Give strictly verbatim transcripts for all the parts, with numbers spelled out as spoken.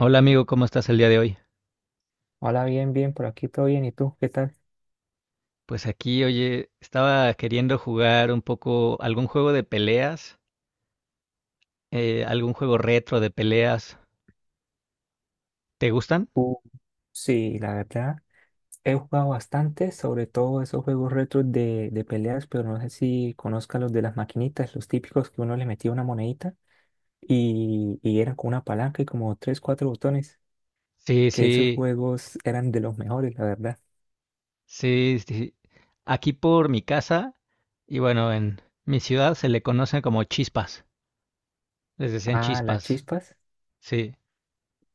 Hola amigo, ¿cómo estás el día de hoy? Hola, bien, bien, por aquí todo bien. ¿Y tú? ¿Qué tal? Pues aquí, oye, estaba queriendo jugar un poco algún juego de peleas, eh, algún juego retro de peleas. ¿Te gustan? Uh, sí, la verdad, he jugado bastante, sobre todo esos juegos retros de, de peleas, pero no sé si conozcas los de las maquinitas, los típicos que uno le metía una monedita y, y eran con una palanca y como tres, cuatro botones, Sí, que esos sí, juegos eran de los mejores, la verdad. sí, sí. Aquí por mi casa, y bueno, en mi ciudad se le conocen como chispas. Les decían Ah, las chispas, chispas. sí.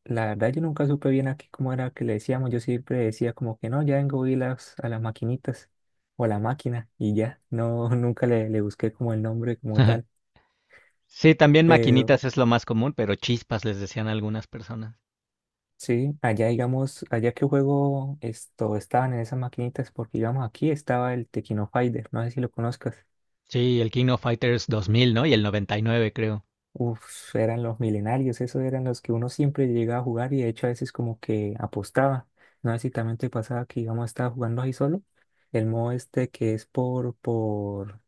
La verdad yo nunca supe bien aquí cómo era que le decíamos, yo siempre decía como que no, ya vengo y las, a las maquinitas o a la máquina y ya, no, nunca le, le busqué como el nombre como tal, Sí, también pero maquinitas es lo más común, pero chispas les decían algunas personas. sí, allá digamos, allá que juego esto, estaban en esas maquinitas porque digamos aquí estaba el Tequino Fighter, no sé si lo conozcas. Sí, el King of Fighters dos mil, ¿no? Y el noventa y nueve, creo. Uf, eran los milenarios, esos eran los que uno siempre llegaba a jugar y de hecho a veces como que apostaba, no sé si también te pasaba que íbamos a estar jugando ahí solo. El modo este que es. Por, por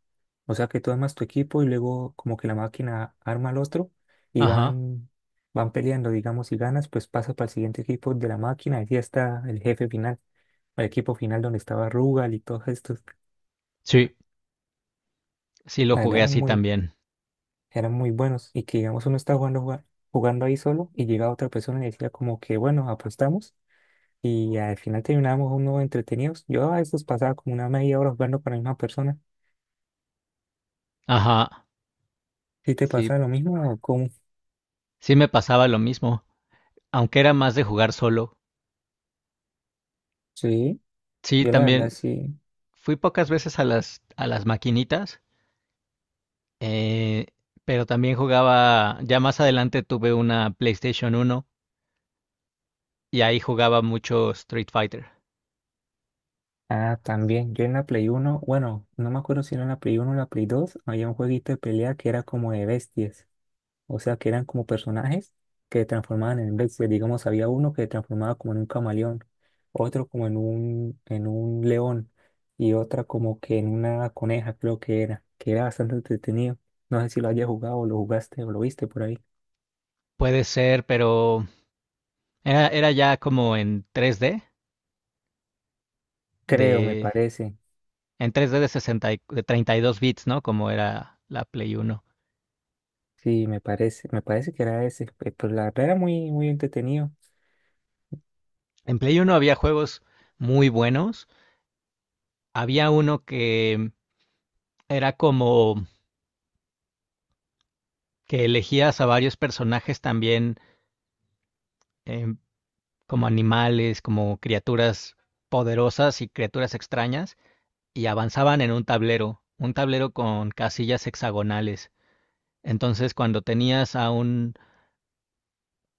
O sea que tú armas tu equipo y luego como que la máquina arma al otro y Ajá. van, van peleando, digamos, si ganas, pues pasa para el siguiente equipo de la máquina y ya está el jefe final, el equipo final donde estaba Rugal y todos estos. Sí, sí lo La verdad jugué eran así muy, también. eran muy buenos y que digamos uno está jugando, jugando, jugando ahí solo y llega otra persona y decía como que bueno, apostamos y al final terminábamos uno entretenidos. Yo a veces pasaba como una media hora jugando con la misma persona. Ajá. ¿Sí te Sí, pasa lo mismo o cómo? sí me pasaba lo mismo, aunque era más de jugar solo. Sí, Sí, yo la verdad también sí. fui pocas veces a las a las maquinitas, eh, pero también jugaba. Ya más adelante tuve una PlayStation uno y ahí jugaba mucho Street Fighter. Ah, también. Yo en la Play uno, bueno, no me acuerdo si era en la Play uno, o la Play dos, había un jueguito de pelea que era como de bestias. O sea, que eran como personajes que se transformaban en bestias. Digamos, había uno que se transformaba como en un camaleón, otro como en un, en un león y otra como que en una coneja, creo que era, que era bastante entretenido. No sé si lo hayas jugado o lo jugaste o lo viste por ahí. Puede ser, pero era, era ya como en tres D, Creo, me de, parece. en tres D de sesenta, y- de treinta y dos bits, ¿no? Como era la Play uno. Sí, me parece. Me parece que era ese. pe- Pero la verdad era muy, muy entretenido. En Play uno había juegos muy buenos. Había uno que era como que elegías a varios personajes también, eh, como animales, como criaturas poderosas y criaturas extrañas, y avanzaban en un tablero, un tablero con casillas hexagonales. Entonces, cuando tenías a un,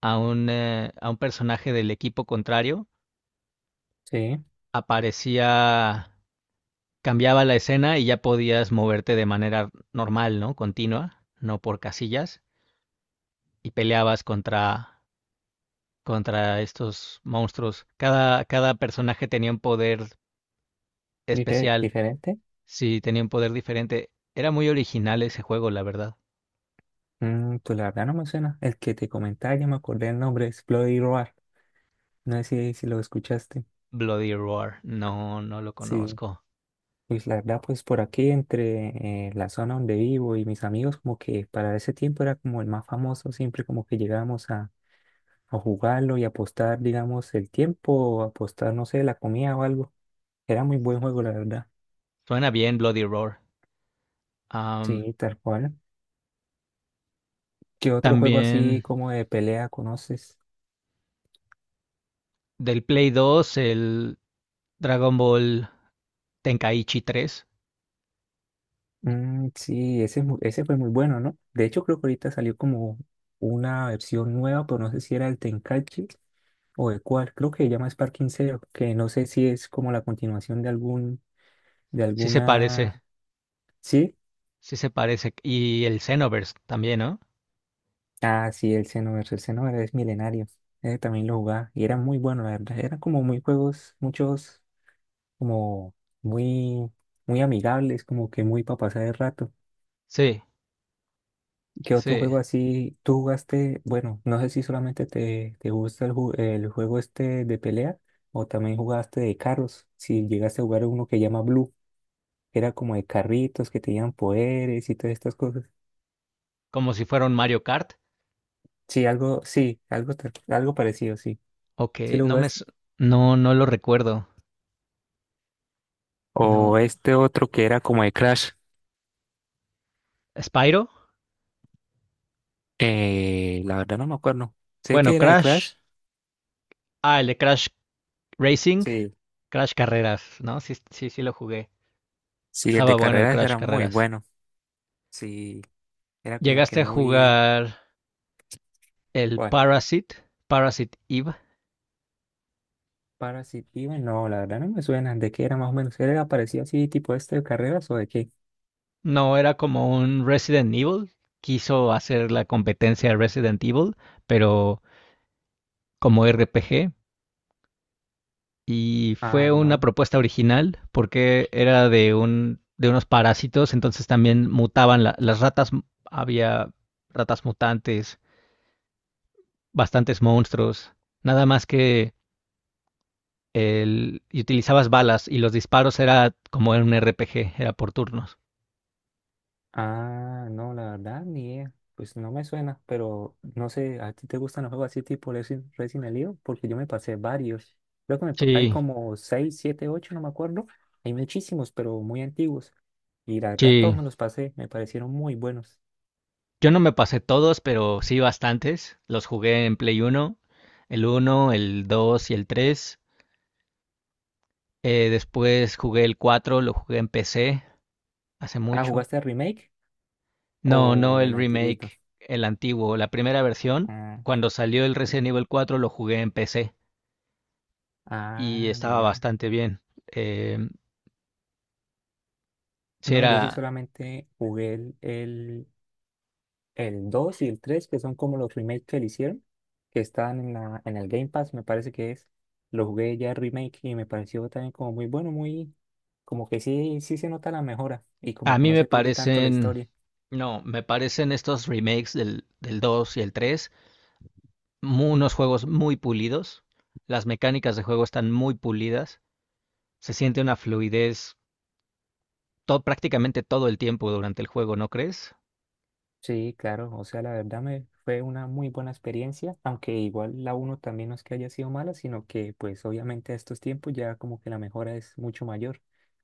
a un, eh, a un personaje del equipo contrario, Sí, aparecía, cambiaba la escena y ya podías moverte de manera normal, ¿no? Continua, no por casillas, y peleabas contra contra estos monstruos. Cada, cada personaje tenía un poder dife- especial. diferente. Sí, tenía un poder diferente. Era muy original ese juego, la verdad. Mm, pues la verdad no me suena. El que te comentaba, ya me acordé el nombre, es Bloody Roar. No sé si, si lo escuchaste. Bloody Roar, no, no lo Sí, conozco. pues la verdad, pues por aquí, entre eh, la zona donde vivo y mis amigos, como que para ese tiempo era como el más famoso, siempre como que llegábamos a, a jugarlo y apostar, digamos, el tiempo, o apostar, no sé, la comida o algo. Era muy buen juego, la verdad. Suena bien Bloody Roar. Am, Sí, tal cual. ¿Qué otro juego así también como de pelea conoces? del Play dos, el Dragon Ball Tenkaichi tres. Mm, sí, ese, es mu- ese fue muy bueno, ¿no? De hecho, creo que ahorita salió como una versión nueva, pero no sé si era el Tenkaichi o de cuál. Creo que se llama Sparking Zero, que no sé si es como la continuación de algún, de Sí se parece, alguna... ¿Sí? sí se parece. Y el Xenoverse también, ¿no? Ah, sí, el Xenoverse. El Xenoverse es milenario. Ese también lo jugaba y era muy bueno, la verdad. Eran como muy juegos, muchos como muy, muy amigables, como que muy para pasar el rato. Sí, ¿Qué otro sí. juego así tú jugaste? Bueno, no sé si solamente te, te gusta el, ju- el juego este de pelea o también jugaste de carros. Si llegaste a jugar uno que llama Blue, que era como de carritos que tenían poderes y todas estas cosas. Como si fuera un Mario Kart. Sí, algo, sí, algo, te- algo parecido, sí. Ok, ¿Sí lo no me... jugaste? No, no lo recuerdo. No. O este otro que era como de Crash. Spyro. Eh, la verdad no me acuerdo. Sé Bueno, que era de Crash. Crash. Ah, el de Crash Racing. Sí. Crash Carreras, ¿no? Sí, sí, sí lo jugué. Sí, el Estaba de bueno el carreras Crash era muy Carreras. bueno. Sí, era como que ¿Llegaste a muy... jugar el Parasite? Parasite Eve. Parasitivo, no, la verdad no me suena. ¿De qué era más o menos? ¿Era parecido así, tipo este de carreras o de qué? No, era como un Resident Evil. Quiso hacer la competencia de Resident Evil, pero como R P G. Y Ah, fue una no. propuesta original porque era de un de unos parásitos. Entonces también mutaban la- las ratas, había ratas mutantes, bastantes monstruos. Nada más que el, y utilizabas balas, y los disparos era como en un R P G, era por turnos. Ah, no, la verdad ni idea. Pues no me suena, pero no sé, ¿a ti te gustan los juegos así tipo Resi- Resident Evil? Porque yo me pasé varios. Creo que me pa- hay Sí, como seis, siete, ocho, no me acuerdo. Hay muchísimos, pero muy antiguos. Y la verdad sí. todos me los pasé, me parecieron muy buenos. Yo no me pasé todos, pero sí bastantes. Los jugué en Play uno, el uno, el dos y el tres. Eh, después jugué el cuatro, lo jugué en P C hace Ah, mucho. ¿jugaste el remake No, no o el el antiguito? remake, el antiguo, la primera versión. Ah, Cuando salió el sí. Resident Evil cuatro lo jugué en P C y Ah, estaba mira. bastante bien. Eh, sí No, yo sí era. solamente jugué el, el, el dos y el tres que son como los remakes que le hicieron, que están en la, en el Game Pass, me parece que es. Lo jugué ya el remake y me pareció también como muy bueno, muy, como que sí, sí se nota la mejora y A como que mí no me se pierde tanto la parecen, historia. no, me parecen estos remakes del, del dos y el tres, mu- unos juegos muy pulidos. Las mecánicas de juego están muy pulidas, se siente una fluidez to- prácticamente todo el tiempo durante el juego, ¿no crees? Sí, claro, o sea, la verdad me fue una muy buena experiencia, aunque igual la uno también no es que haya sido mala, sino que pues obviamente a estos tiempos ya como que la mejora es mucho mayor,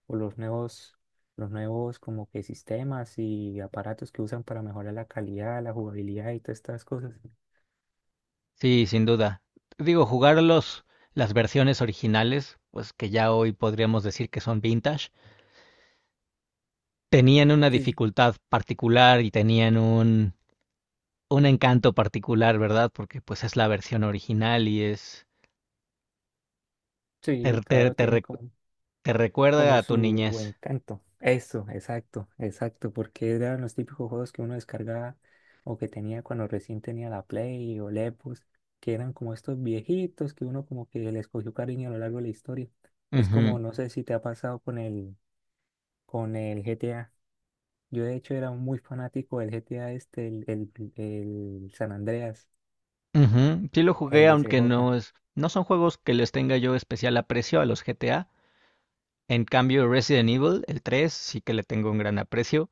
o los nuevos, los nuevos como que sistemas y aparatos que usan para mejorar la calidad, la jugabilidad y todas estas cosas. Sí, sin duda. Digo, jugar los, las versiones originales, pues que ya hoy podríamos decir que son vintage, tenían una Sí. dificultad particular y tenían un, un encanto particular, ¿verdad? Porque pues es la versión original y es. Te, Sí, te- claro, te tiene recu- como, te recuerda como a tu su niñez. encanto. Eso, exacto, exacto, porque eran los típicos juegos que uno descargaba o que tenía cuando recién tenía la Play o la Xbox, que eran como estos viejitos que uno como que les cogió cariño a lo largo de la historia. Es Ujú, como, no sé si te ha pasado con el, con el, G T A. Yo de hecho era muy fanático del G T A este, el, el, el San Andreas, ujú. Sí lo el jugué, de aunque C J. no es, no son juegos que les tenga yo especial aprecio a los G T A. En cambio, Resident Evil, el tres sí que le tengo un gran aprecio.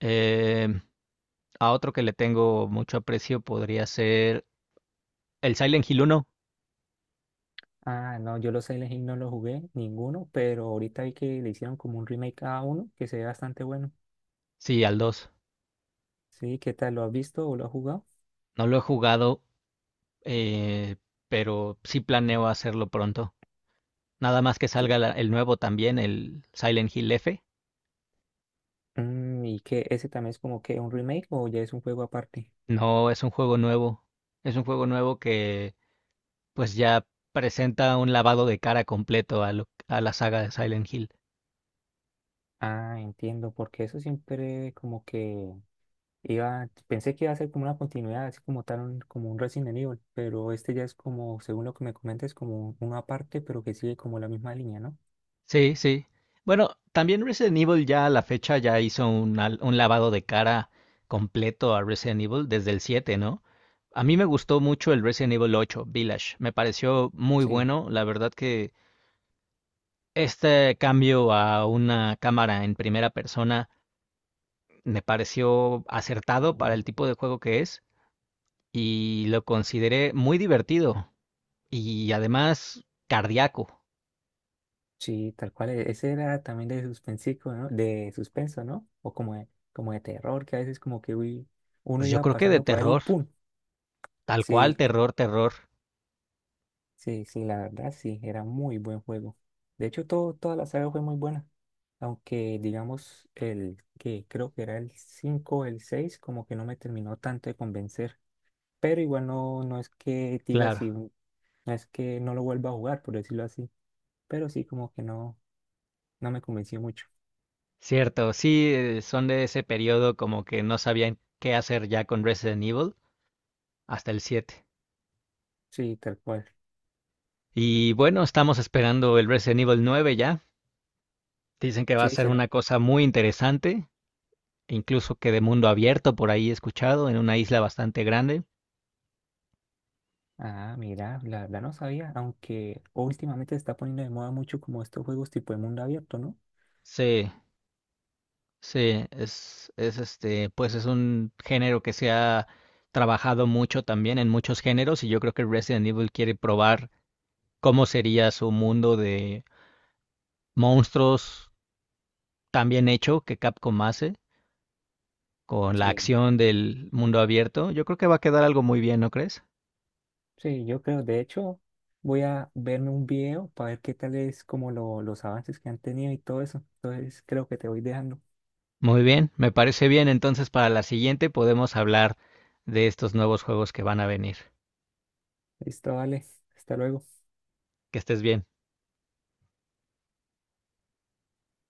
Eh, a otro que le tengo mucho aprecio podría ser el Silent Hill uno. Ah, no, yo los Silent Hill no los jugué, ninguno, pero ahorita vi que le hicieron como un remake a uno que se ve bastante bueno. Sí, al dos. Sí, ¿qué tal? ¿Lo has visto o lo has jugado? No lo he jugado, eh, pero sí planeo hacerlo pronto. Nada más que salga Sí. la- el nuevo también, el Silent Hill F. Mm, ¿y qué? ¿Ese también es como que un remake o ya es un juego aparte? No, es un juego nuevo. Es un juego nuevo que pues ya presenta un lavado de cara completo a, lo- a la saga de Silent Hill. Ah, entiendo, porque eso siempre como que iba, pensé que iba a ser como una continuidad, así como tal, un- como un Resident Evil, pero este ya es como, según lo que me comentas, como uno aparte, pero que sigue como la misma línea, ¿no? Sí, sí. Bueno, también Resident Evil ya a la fecha ya hizo un, al- un lavado de cara completo a Resident Evil desde el siete, ¿no? A mí me gustó mucho el Resident Evil ocho Village. Me pareció muy Sí. bueno. La verdad que este cambio a una cámara en primera persona me pareció acertado para el tipo de juego que es, y lo consideré muy divertido y además cardíaco. Sí, tal cual, e- ese era también de suspensico, ¿no? De suspenso, ¿no? O como de, como de terror, que a veces como que uy, uno Pues yo iba creo que de pasando por ahí, terror, ¡pum! tal cual, Sí, terror, terror. sí, sí, la verdad sí, era muy buen juego. De hecho, todo, toda la saga fue muy buena. Aunque, digamos, el que creo que era el cinco, o el seis, como que no me terminó tanto de convencer. Pero igual no, no es que diga Claro, si, no es que no lo vuelva a jugar, por decirlo así. Pero sí, como que no, no me convenció mucho. cierto, sí, eh, son de ese periodo como que no sabían qué hacer ya con Resident Evil hasta el siete. Sí, tal cual. Y bueno, estamos esperando el Resident Evil nueve ya. Dicen que va a Sí, ser una será. cosa muy interesante, e incluso que de mundo abierto por ahí he escuchado, en una isla bastante grande. Ah, mira, la verdad no sabía, aunque últimamente se está poniendo de moda mucho como estos juegos tipo de mundo abierto, ¿no? Sí, sí, es, es este, pues es un género que se ha trabajado mucho también en muchos géneros, y yo creo que Resident Evil quiere probar cómo sería su mundo de monstruos tan bien hecho que Capcom hace, con la Sí. acción del mundo abierto. Yo creo que va a quedar algo muy bien, ¿no crees? Sí, yo creo, de hecho, voy a verme un video para ver qué tal es como lo- los avances que han tenido y todo eso. Entonces, creo que te voy dejando. Muy bien, me parece bien. Entonces para la siguiente podemos hablar de estos nuevos juegos que van a venir. Listo, vale. Hasta luego. Que estés bien.